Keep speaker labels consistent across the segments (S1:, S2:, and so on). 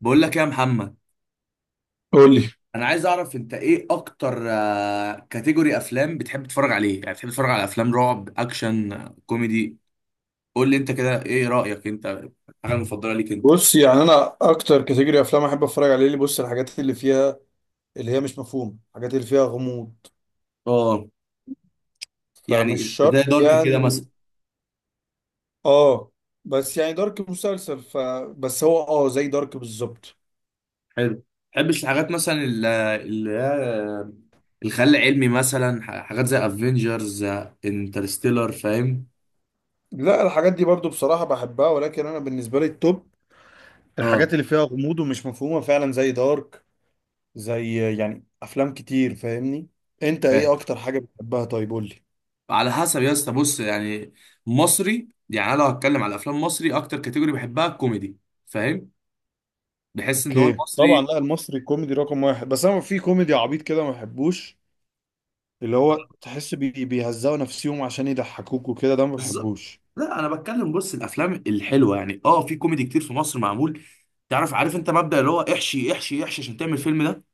S1: بقول لك إيه يا محمد؟
S2: قول لي.
S1: انا عايز اعرف انت ايه اكتر كاتيجوري افلام بتحب تتفرج عليه؟ يعني بتحب تتفرج على افلام رعب، اكشن، كوميدي؟ قول لي انت كده ايه رايك؟ انت الحاجه المفضله ليك انت؟
S2: بص يعني انا اكتر كاتيجوري افلام احب اتفرج عليه، اللي الحاجات اللي فيها، اللي هي مش مفهومه، الحاجات اللي فيها غموض،
S1: اه. يعني
S2: فمش شرط
S1: زي دارك كده
S2: يعني.
S1: مثلا.
S2: اه، بس يعني دارك مسلسل، بس هو اه زي دارك بالظبط.
S1: حلو. تحبش الحاجات مثلا الخيال العلمي مثلا؟ حاجات زي افنجرز، انترستيلر، فاهم؟
S2: لا الحاجات دي برضو بصراحه بحبها، ولكن انا بالنسبه لي التوب
S1: اه،
S2: الحاجات اللي فيها غموض ومش مفهومه فعلا زي دارك، زي يعني افلام كتير، فاهمني؟ انت ايه
S1: فاهم.
S2: اكتر حاجه بتحبها؟ طيب قول لي.
S1: على حسب يا اسطى. بص يعني مصري، يعني انا لو هتكلم على افلام مصري، اكتر كاتيجوري بحبها الكوميدي، فاهم؟ بحس ان هو
S2: اوكي طبعا،
S1: المصري.
S2: لا المصري كوميدي رقم واحد، بس انا في كوميدي عبيط كده ما بحبوش، اللي هو تحس بي بيهزقوا نفسيهم عشان يضحكوك وكده، ده ما
S1: بالظبط.
S2: بحبوش.
S1: لا انا بتكلم، بص الافلام الحلوه يعني. اه، في كوميدي كتير في مصر معمول. تعرف، عارف انت مبدأ اللي هو احشي احشي احشي عشان تعمل فيلم؟ ده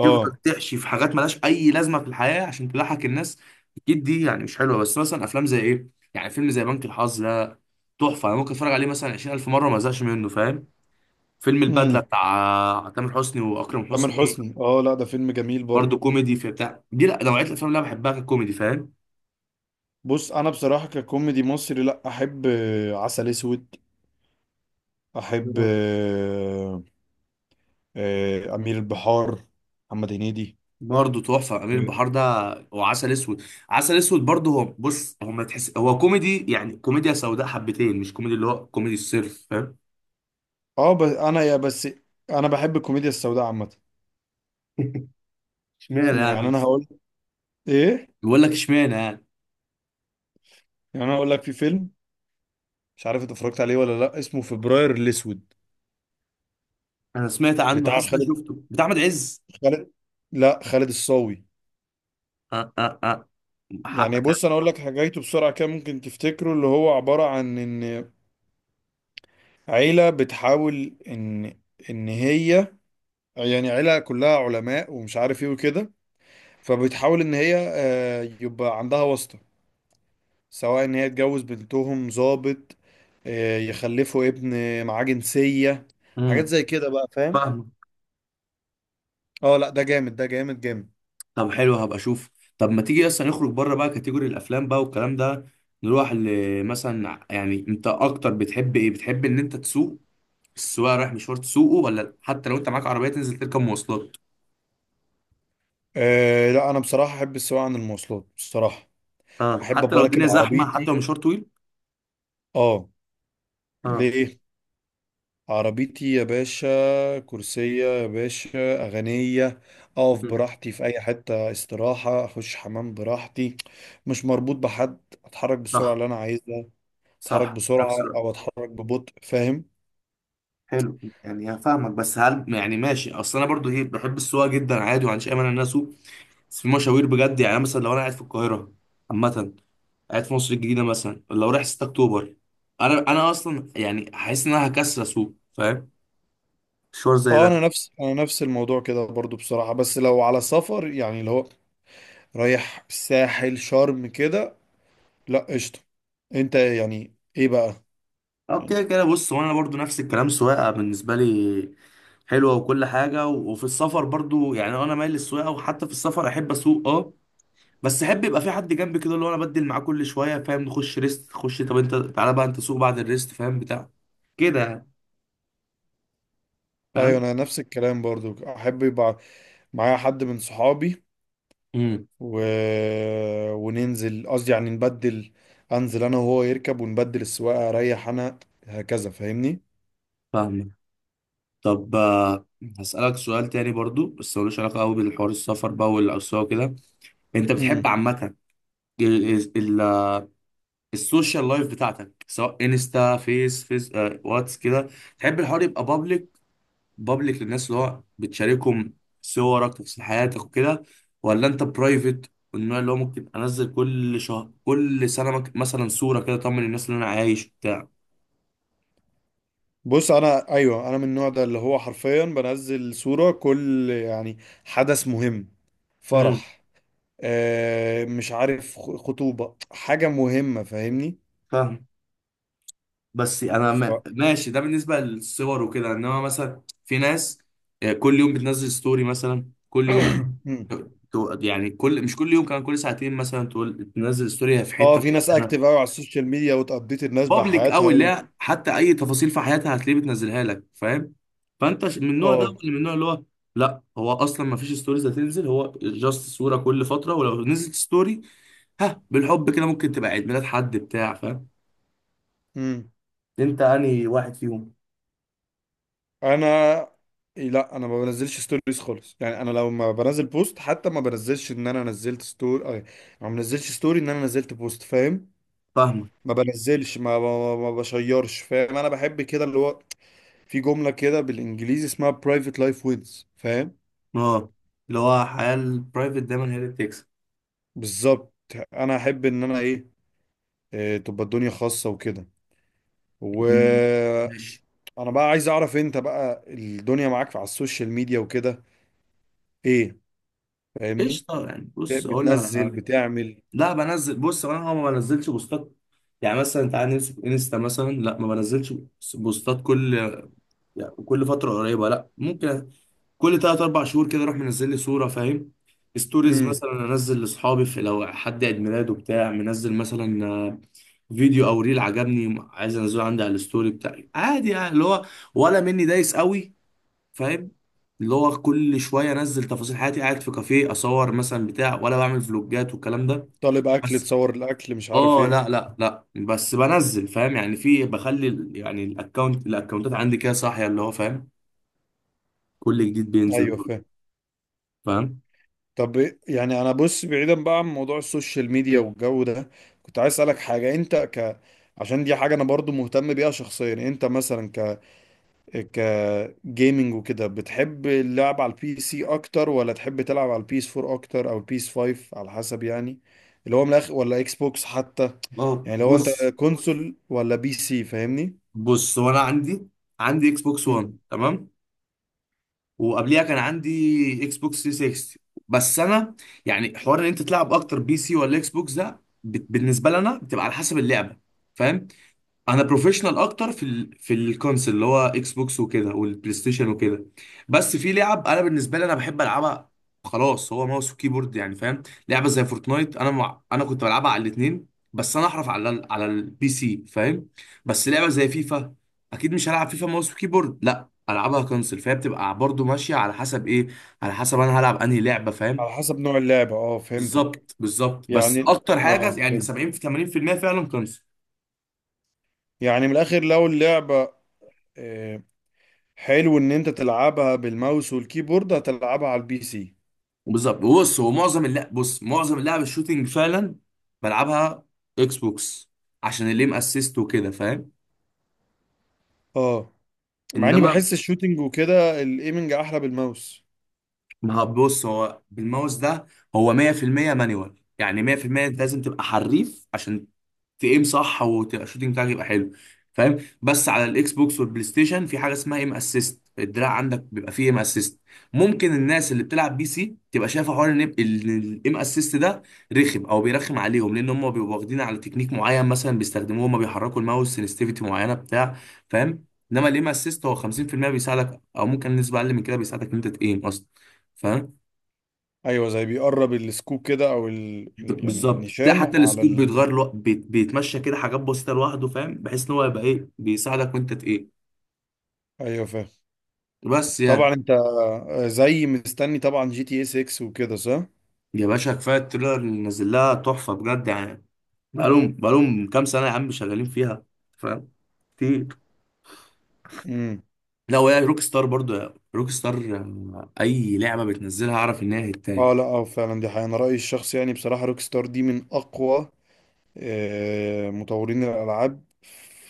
S1: تفضل تحشي في حاجات ملهاش اي لازمه في الحياه عشان تضحك الناس. اكيد دي يعني مش حلوه، بس مثلا افلام زي ايه، يعني فيلم زي بنك الحظ ده تحفه. انا ممكن اتفرج عليه مثلا 20,000 مره، ما ازهقش منه، فاهم؟ فيلم البدله
S2: امم.
S1: بتاع تامر حسني واكرم
S2: تامر
S1: حسني،
S2: حسني، اه لا ده فيلم جميل برضو.
S1: برضه كوميدي في بتاع دي. لا، نوعيه الافلام اللي انا بحبها ككوميدي، فاهم؟
S2: بص انا بصراحة ككوميدي مصري، لا احب عسل اسود، احب امير البحار، محمد هنيدي.
S1: برضه تحفه امير البحار ده، وعسل اسود. عسل اسود برضه، هو بص، هو ما تحس، هو كوميدي يعني كوميديا سوداء حبتين، مش كوميدي اللي هو كوميدي الصرف، فاهم؟
S2: اه بس انا يا بس انا بحب الكوميديا السوداء عامة.
S1: اشمعنى يعني
S2: يعني انا
S1: يس؟
S2: هقول ايه؟
S1: بيقول لك اشمعنى يعني.
S2: يعني انا هقول لك في فيلم، مش عارف انت اتفرجت عليه ولا لا، اسمه فبراير الاسود،
S1: انا سمعت عنه،
S2: بتاع
S1: حاسس اني
S2: خالد
S1: شفته، بتاع احمد عز؟
S2: خالد لا خالد الصاوي.
S1: اه اه اه.
S2: يعني
S1: حقك
S2: بص
S1: يعني.
S2: انا اقول لك حاجاته بسرعه كده ممكن تفتكره، اللي هو عباره عن ان عيله بتحاول ان هي، يعني عيله كلها علماء ومش عارف ايه وكده، فبتحاول ان هي يبقى عندها واسطه، سواء ان هي تجوز بنتهم ضابط، يخلفوا ابن معاه جنسيه، حاجات
S1: امم.
S2: زي كده بقى، فاهم؟
S1: فاهمه.
S2: اه لا ده جامد، ده جامد.
S1: طب حلو، هبقى اشوف. طب ما تيجي اصلا نخرج بره بقى كاتيجوري الافلام بقى والكلام ده. نروح مثلا، يعني انت اكتر بتحب ايه؟ بتحب ان انت تسوق؟ السواق رايح مشوار تسوقه ولا لا؟ حتى لو انت معاك عربيه تنزل تركب مواصلات؟
S2: آه لا انا بصراحه احب السواقه عن المواصلات بصراحه،
S1: اه،
S2: احب
S1: حتى
S2: ابقى
S1: لو
S2: راكب
S1: الدنيا زحمه، حتى لو
S2: عربيتي.
S1: مشوار طويل؟
S2: اه.
S1: اه.
S2: ليه؟ عربيتي يا باشا، كرسية يا باشا أغنية، أقف
S1: مم.
S2: براحتي في أي حتة استراحة، أخش حمام براحتي، مش مربوط بحد، أتحرك بالسرعة
S1: صح.
S2: اللي أنا عايزها، أتحرك
S1: صح،
S2: بسرعة
S1: نفس الوقت.
S2: أو أتحرك ببطء، فاهم؟
S1: حلو، يعني هفهمك. بس هل يعني ماشي؟ اصل انا برضو ايه، بحب السواقه جدا عادي، وما عنديش اي مانع ان انا اسوق، بس في مشاوير بجد يعني. أنا مثلا لو قاعد في القاهره عامه، قاعد في مصر الجديده مثلا، لو رايح 6 اكتوبر، انا اصلا يعني حاسس ان انا هكسر اسوق، فاهم؟ مشوار زي
S2: أه
S1: ده.
S2: أنا نفس الموضوع كده برضو بصراحة، بس لو على سفر يعني اللي هو رايح الساحل شرم كده، لأ قشطة. أنت يعني إيه بقى؟
S1: اه، كده
S2: يعني
S1: كده. بص، وانا برضو نفس الكلام. سواقه بالنسبه لي حلوه وكل حاجه، وفي السفر برضو يعني انا مايل للسواقه، وحتى في السفر احب اسوق، اه. بس احب يبقى في حد جنبي كده، اللي هو انا بدل معاه كل شويه، فاهم؟ نخش ريست، خش طب انت تعالى بقى انت سوق بعد الريست، فاهم بتاع كده يعني،
S2: أيوة
S1: فاهم؟
S2: أنا نفس الكلام برضو، أحب يبقى معايا حد من صحابي
S1: امم.
S2: و... وننزل، قصدي يعني نبدل، انزل انا وهو يركب ونبدل السواقه، اريح انا، هكذا، فاهمني؟
S1: فاهمك. طب هسألك سؤال تاني برضو، بس ملوش علاقة قوي بالحوار السفر بقى والأسواق وكده. انت بتحب
S2: امم.
S1: عامة السوشيال لايف بتاعتك، سواء انستا، فيس فيس، واتس كده، تحب الحوار يبقى بابليك؟ بابليك للناس اللي هو بتشاركهم صورك، تفاصيل حياتك وكده؟ ولا انت برايفت، والنوع اللي هو ممكن انزل كل شهر، كل سنه، مثلا صوره كده اطمن الناس اللي انا عايش، بتاع؟
S2: بص انا ايوه انا من النوع ده اللي هو حرفيا بنزل صوره كل يعني حدث مهم،
S1: امم.
S2: فرح، آه مش عارف، خطوبه، حاجه مهمه، فاهمني؟
S1: فاهم. بس انا
S2: ف...
S1: ماشي ده بالنسبه للصور وكده، انما مثلا في ناس كل يوم بتنزل ستوري، مثلا كل يوم،
S2: مم.
S1: يعني كل، مش كل يوم كمان، كل ساعتين مثلا تقول تنزل ستوري في
S2: اه
S1: حته
S2: في ناس
S1: معينه،
S2: اكتف قوي على السوشيال ميديا وتقضيت الناس
S1: بابليك
S2: بحياتها
S1: قوي، اللي هي حتى اي تفاصيل في حياتها هتلاقيه بتنزلها لك، فاهم؟ فانت من النوع ده، ولا
S2: اه.
S1: من النوع اللي هو لا، هو اصلا ما فيش ستوريز هتنزل، هو جاست صوره كل فتره، ولو نزلت ستوري ها بالحب كده ممكن تبقى عيد ميلاد حد، بتاع، فاهم؟
S2: امم.
S1: انت انهي واحد فيهم؟
S2: انا؟ لا انا ما بنزلش ستوريز خالص، يعني انا لو ما بنزل بوست حتى ما بنزلش ان انا نزلت ستوري ما بنزلش ستوري ان انا نزلت بوست، فاهم؟
S1: فاهمك.
S2: ما بنزلش ما بشيرش، فاهم؟ انا بحب كده اللي هو في جملة كده بالانجليزي اسمها private life wins، فاهم؟
S1: اه، اللي هو الحياة البرايفت دايما هي اللي بتكسب.
S2: بالظبط، انا احب ان انا ايه، تبقى الدنيا خاصة وكده. و
S1: مم. مش
S2: انا بقى عايز اعرف انت بقى الدنيا معاك على السوشيال ميديا وكده ايه؟ فاهمني؟
S1: قشطة يعني، بص أقول لك على
S2: بتنزل؟
S1: حاجة.
S2: بتعمل؟
S1: لا بنزل، بص، أنا ما بنزلش بوستات يعني. مثلا تعالى نمسك انستا مثلا، لا ما بنزلش بوستات كل، يعني كل فترة قريبة، لا. ممكن كل تلات أربع شهور كده أروح منزل لي صورة، فاهم؟ ستوريز
S2: امم.
S1: مثلا أنزل لأصحابي، في لو حد عيد ميلاده بتاع منزل مثلا، فيديو أو ريل عجبني، عايز أنزله عندي على الستوري بتاعي، عادي يعني. اللي هو ولا مني دايس قوي، فاهم؟ اللي هو كل شويه انزل تفاصيل حياتي، قاعد في كافيه اصور مثلا، بتاع، ولا بعمل فلوجات والكلام ده.
S2: طالب اكل
S1: بس
S2: تصور الاكل مش عارف
S1: اه،
S2: ايه.
S1: لا لا لا، بس بنزل، فاهم يعني؟ في، بخلي يعني الاكونت، الاكونتات عندي كده صاحيه، اللي هو فاهم، كل جديد بينزل.
S2: ايوه فاهم.
S1: فاهم.
S2: طب يعني انا بص بعيدا بقى عن موضوع السوشيال ميديا والجو ده، كنت عايز اسالك حاجه، انت عشان دي حاجه انا برضو مهتم بيها شخصيا، انت مثلا ك ك جيمنج وكده، بتحب اللعب على البي سي اكتر ولا تحب تلعب على البيس 4 اكتر او البيس 5، على حسب يعني، اللي هو من الاخر، ولا اكس بوكس حتى،
S1: اه
S2: يعني لو انت
S1: بص.
S2: كونسول ولا بي سي، فاهمني؟
S1: بص هو انا عندي عندي اكس بوكس 1،
S2: مم.
S1: تمام؟ وقبليها كان عندي اكس بوكس 360. بس انا يعني، حوار ان انت تلعب اكتر بي سي ولا اكس بوكس، ده بالنسبه لنا بتبقى على حسب اللعبه، فاهم؟ انا بروفيشنال اكتر في في الكونسل، اللي هو اكس بوكس وكده والبلاي ستيشن وكده. بس في لعب انا بالنسبه لي انا بحب العبها، خلاص هو ماوس وكيبورد يعني، فاهم؟ لعبه زي فورتنايت، انا انا كنت بلعبها على الاثنين، بس انا احرف على على البي سي، فاهم؟ بس لعبه زي فيفا، اكيد مش هلعب فيفا ماوس وكيبورد، لا العبها كونسل. فهي بتبقى برضو ماشيه على حسب ايه، على حسب انا هلعب انهي لعبه، فاهم؟
S2: على حسب نوع اللعبه، اه فهمتك.
S1: بالظبط بالظبط. بس
S2: يعني
S1: اكتر حاجه
S2: اه
S1: يعني
S2: فهمت.
S1: 70 في 80% فعلا كونسل.
S2: يعني من الاخر لو اللعبة آه، حلو ان انت تلعبها بالماوس والكيبورد هتلعبها على البي سي.
S1: بالظبط. بص معظم اللعب الشوتينج فعلا بلعبها اكس بوكس، عشان الليم اسيست وكده، فاهم؟
S2: اه، مع اني
S1: انما،
S2: بحس الشوتينج وكده الايمنج احلى بالماوس.
S1: ما هو بص، هو بالماوس ده هو 100% مانيوال، يعني 100% انت لازم تبقى حريف عشان تقيم صح وتبقى الشوتنج بتاعك يبقى حلو، فاهم؟ بس على الاكس بوكس والبلاي ستيشن في حاجه اسمها ايم اسيست، الدراع عندك بيبقى فيه ايم اسيست. ممكن الناس اللي بتلعب بي سي تبقى شايفه حوار ان الايم اسيست ده رخم، او بيرخم عليهم، لان هم بيبقوا واخدين على تكنيك معين مثلا بيستخدموه، هم بيحركوا الماوس سنسيتيفيتي معينه، بتاع، فاهم؟ انما الايم اسيست هو 50% بيساعدك، او ممكن نسبه اقل من كده بيساعدك ان انت تقيم اصلا، فاهم؟
S2: ايوه، زي بيقرب السكوب كده، او يعني
S1: بالظبط، تلاقي
S2: النيشان
S1: حتى
S2: على
S1: السكوت بيتغير بيتمشى كده، حاجات بسيطه لوحده، فاهم؟ بحيث ان هو يبقى ايه، بيساعدك وانت ايه،
S2: ايوه فاهم.
S1: بس يعني.
S2: طبعا انت زي مستني طبعا جي تي اس 6 وكده، صح؟
S1: يا باشا كفايه التريلر اللي نازل لها تحفه بجد يعني. بقالهم كام سنه يا عم شغالين فيها، فاهم؟ كتير.
S2: امم.
S1: لا وهي روك ستار، برضه روك ستار، اي لعبه بتنزلها اعرف ان هي
S2: اه
S1: هتايه.
S2: لا اه فعلا دي حقيقة، انا رأيي الشخصي يعني بصراحة روك ستار دي من اقوى مطورين الالعاب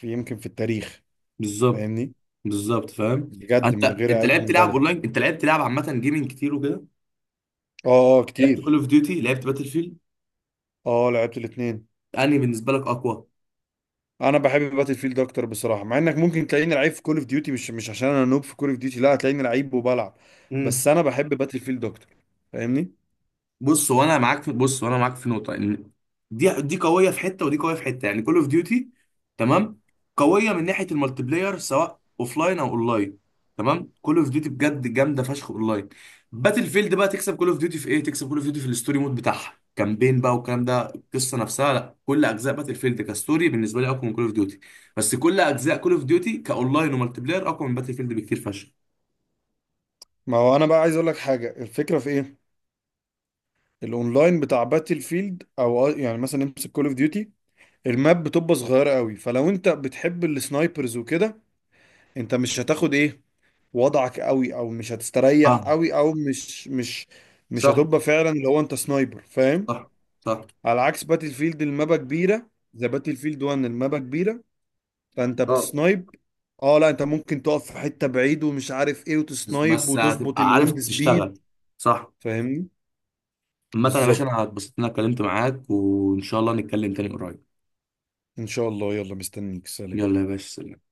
S2: في، يمكن في التاريخ،
S1: بالظبط
S2: فاهمني؟
S1: بالظبط، فاهم.
S2: بجد
S1: انت
S2: من غير
S1: انت
S2: اي
S1: لعبت لعب
S2: مبالغه.
S1: اونلاين، انت لعبت لعب عامه جيمنج كتير وكده،
S2: اه اه
S1: لعبت كول
S2: كتير.
S1: اوف ديوتي، لعبت باتل فيلد،
S2: اه لعبت الاثنين.
S1: انهي بالنسبه لك اقوى؟
S2: انا بحب باتل فيلد اكتر بصراحه، مع انك ممكن تلاقيني لعيب في كول اوف ديوتي، مش عشان انا نوب في كول اوف ديوتي، لا هتلاقيني لعيب وبلعب،
S1: امم.
S2: بس انا بحب باتل فيلد اكتر، فاهمني؟
S1: بص هو انا معاك في نقطه، ان دي قويه في حته ودي قويه في حته، يعني كول اوف ديوتي، تمام، قويه من ناحيه المالتي بلاير، سواء لاين او اونلاين، تمام. كول اوف ديوتي بجد جامده فشخ اونلاين. باتل فيلد بقى تكسب كول اوف ديوتي في ايه، تكسب كول اوف ديوتي في الستوري مود بتاعها، كامبين بقى والكلام ده، القصه نفسها. لا كل اجزاء باتل فيلد كستوري بالنسبه لي اقوى من كول اوف ديوتي، بس كل اجزاء كول اوف ديوتي كاونلاين ومالتي بلاير اقوى من باتل فيلد بكتير فشخ.
S2: ما هو انا بقى عايز اقول لك حاجه الفكره في ايه، الاونلاين بتاع باتل فيلد او يعني مثلا امسك كول اوف ديوتي، الماب بتبقى صغيره قوي، فلو انت بتحب السنايبرز وكده انت مش هتاخد ايه وضعك قوي، او مش هتستريح
S1: اه.
S2: قوي، او مش
S1: صح
S2: هتبقى فعلا اللي هو انت سنايبر، فاهم؟
S1: صح صح.
S2: على عكس باتل فيلد المابا كبيره، زي باتل فيلد 1 المابا كبيره، فانت
S1: اه
S2: بتسنايب. اه لا انت ممكن تقف في حته بعيد ومش عارف ايه
S1: بس
S2: وتسنايب
S1: بس
S2: وتظبط
S1: هتبقى عارف
S2: الويند سبيد،
S1: تشتغل، صح.
S2: فاهمني؟
S1: عامة يا باشا
S2: بالظبط.
S1: انا اتبسطت ان انا اتكلمت معاك، وان شاء الله نتكلم تاني قريب.
S2: ان شاء الله، يلا مستنيك، سلام.
S1: يلا يا باشا، سلام.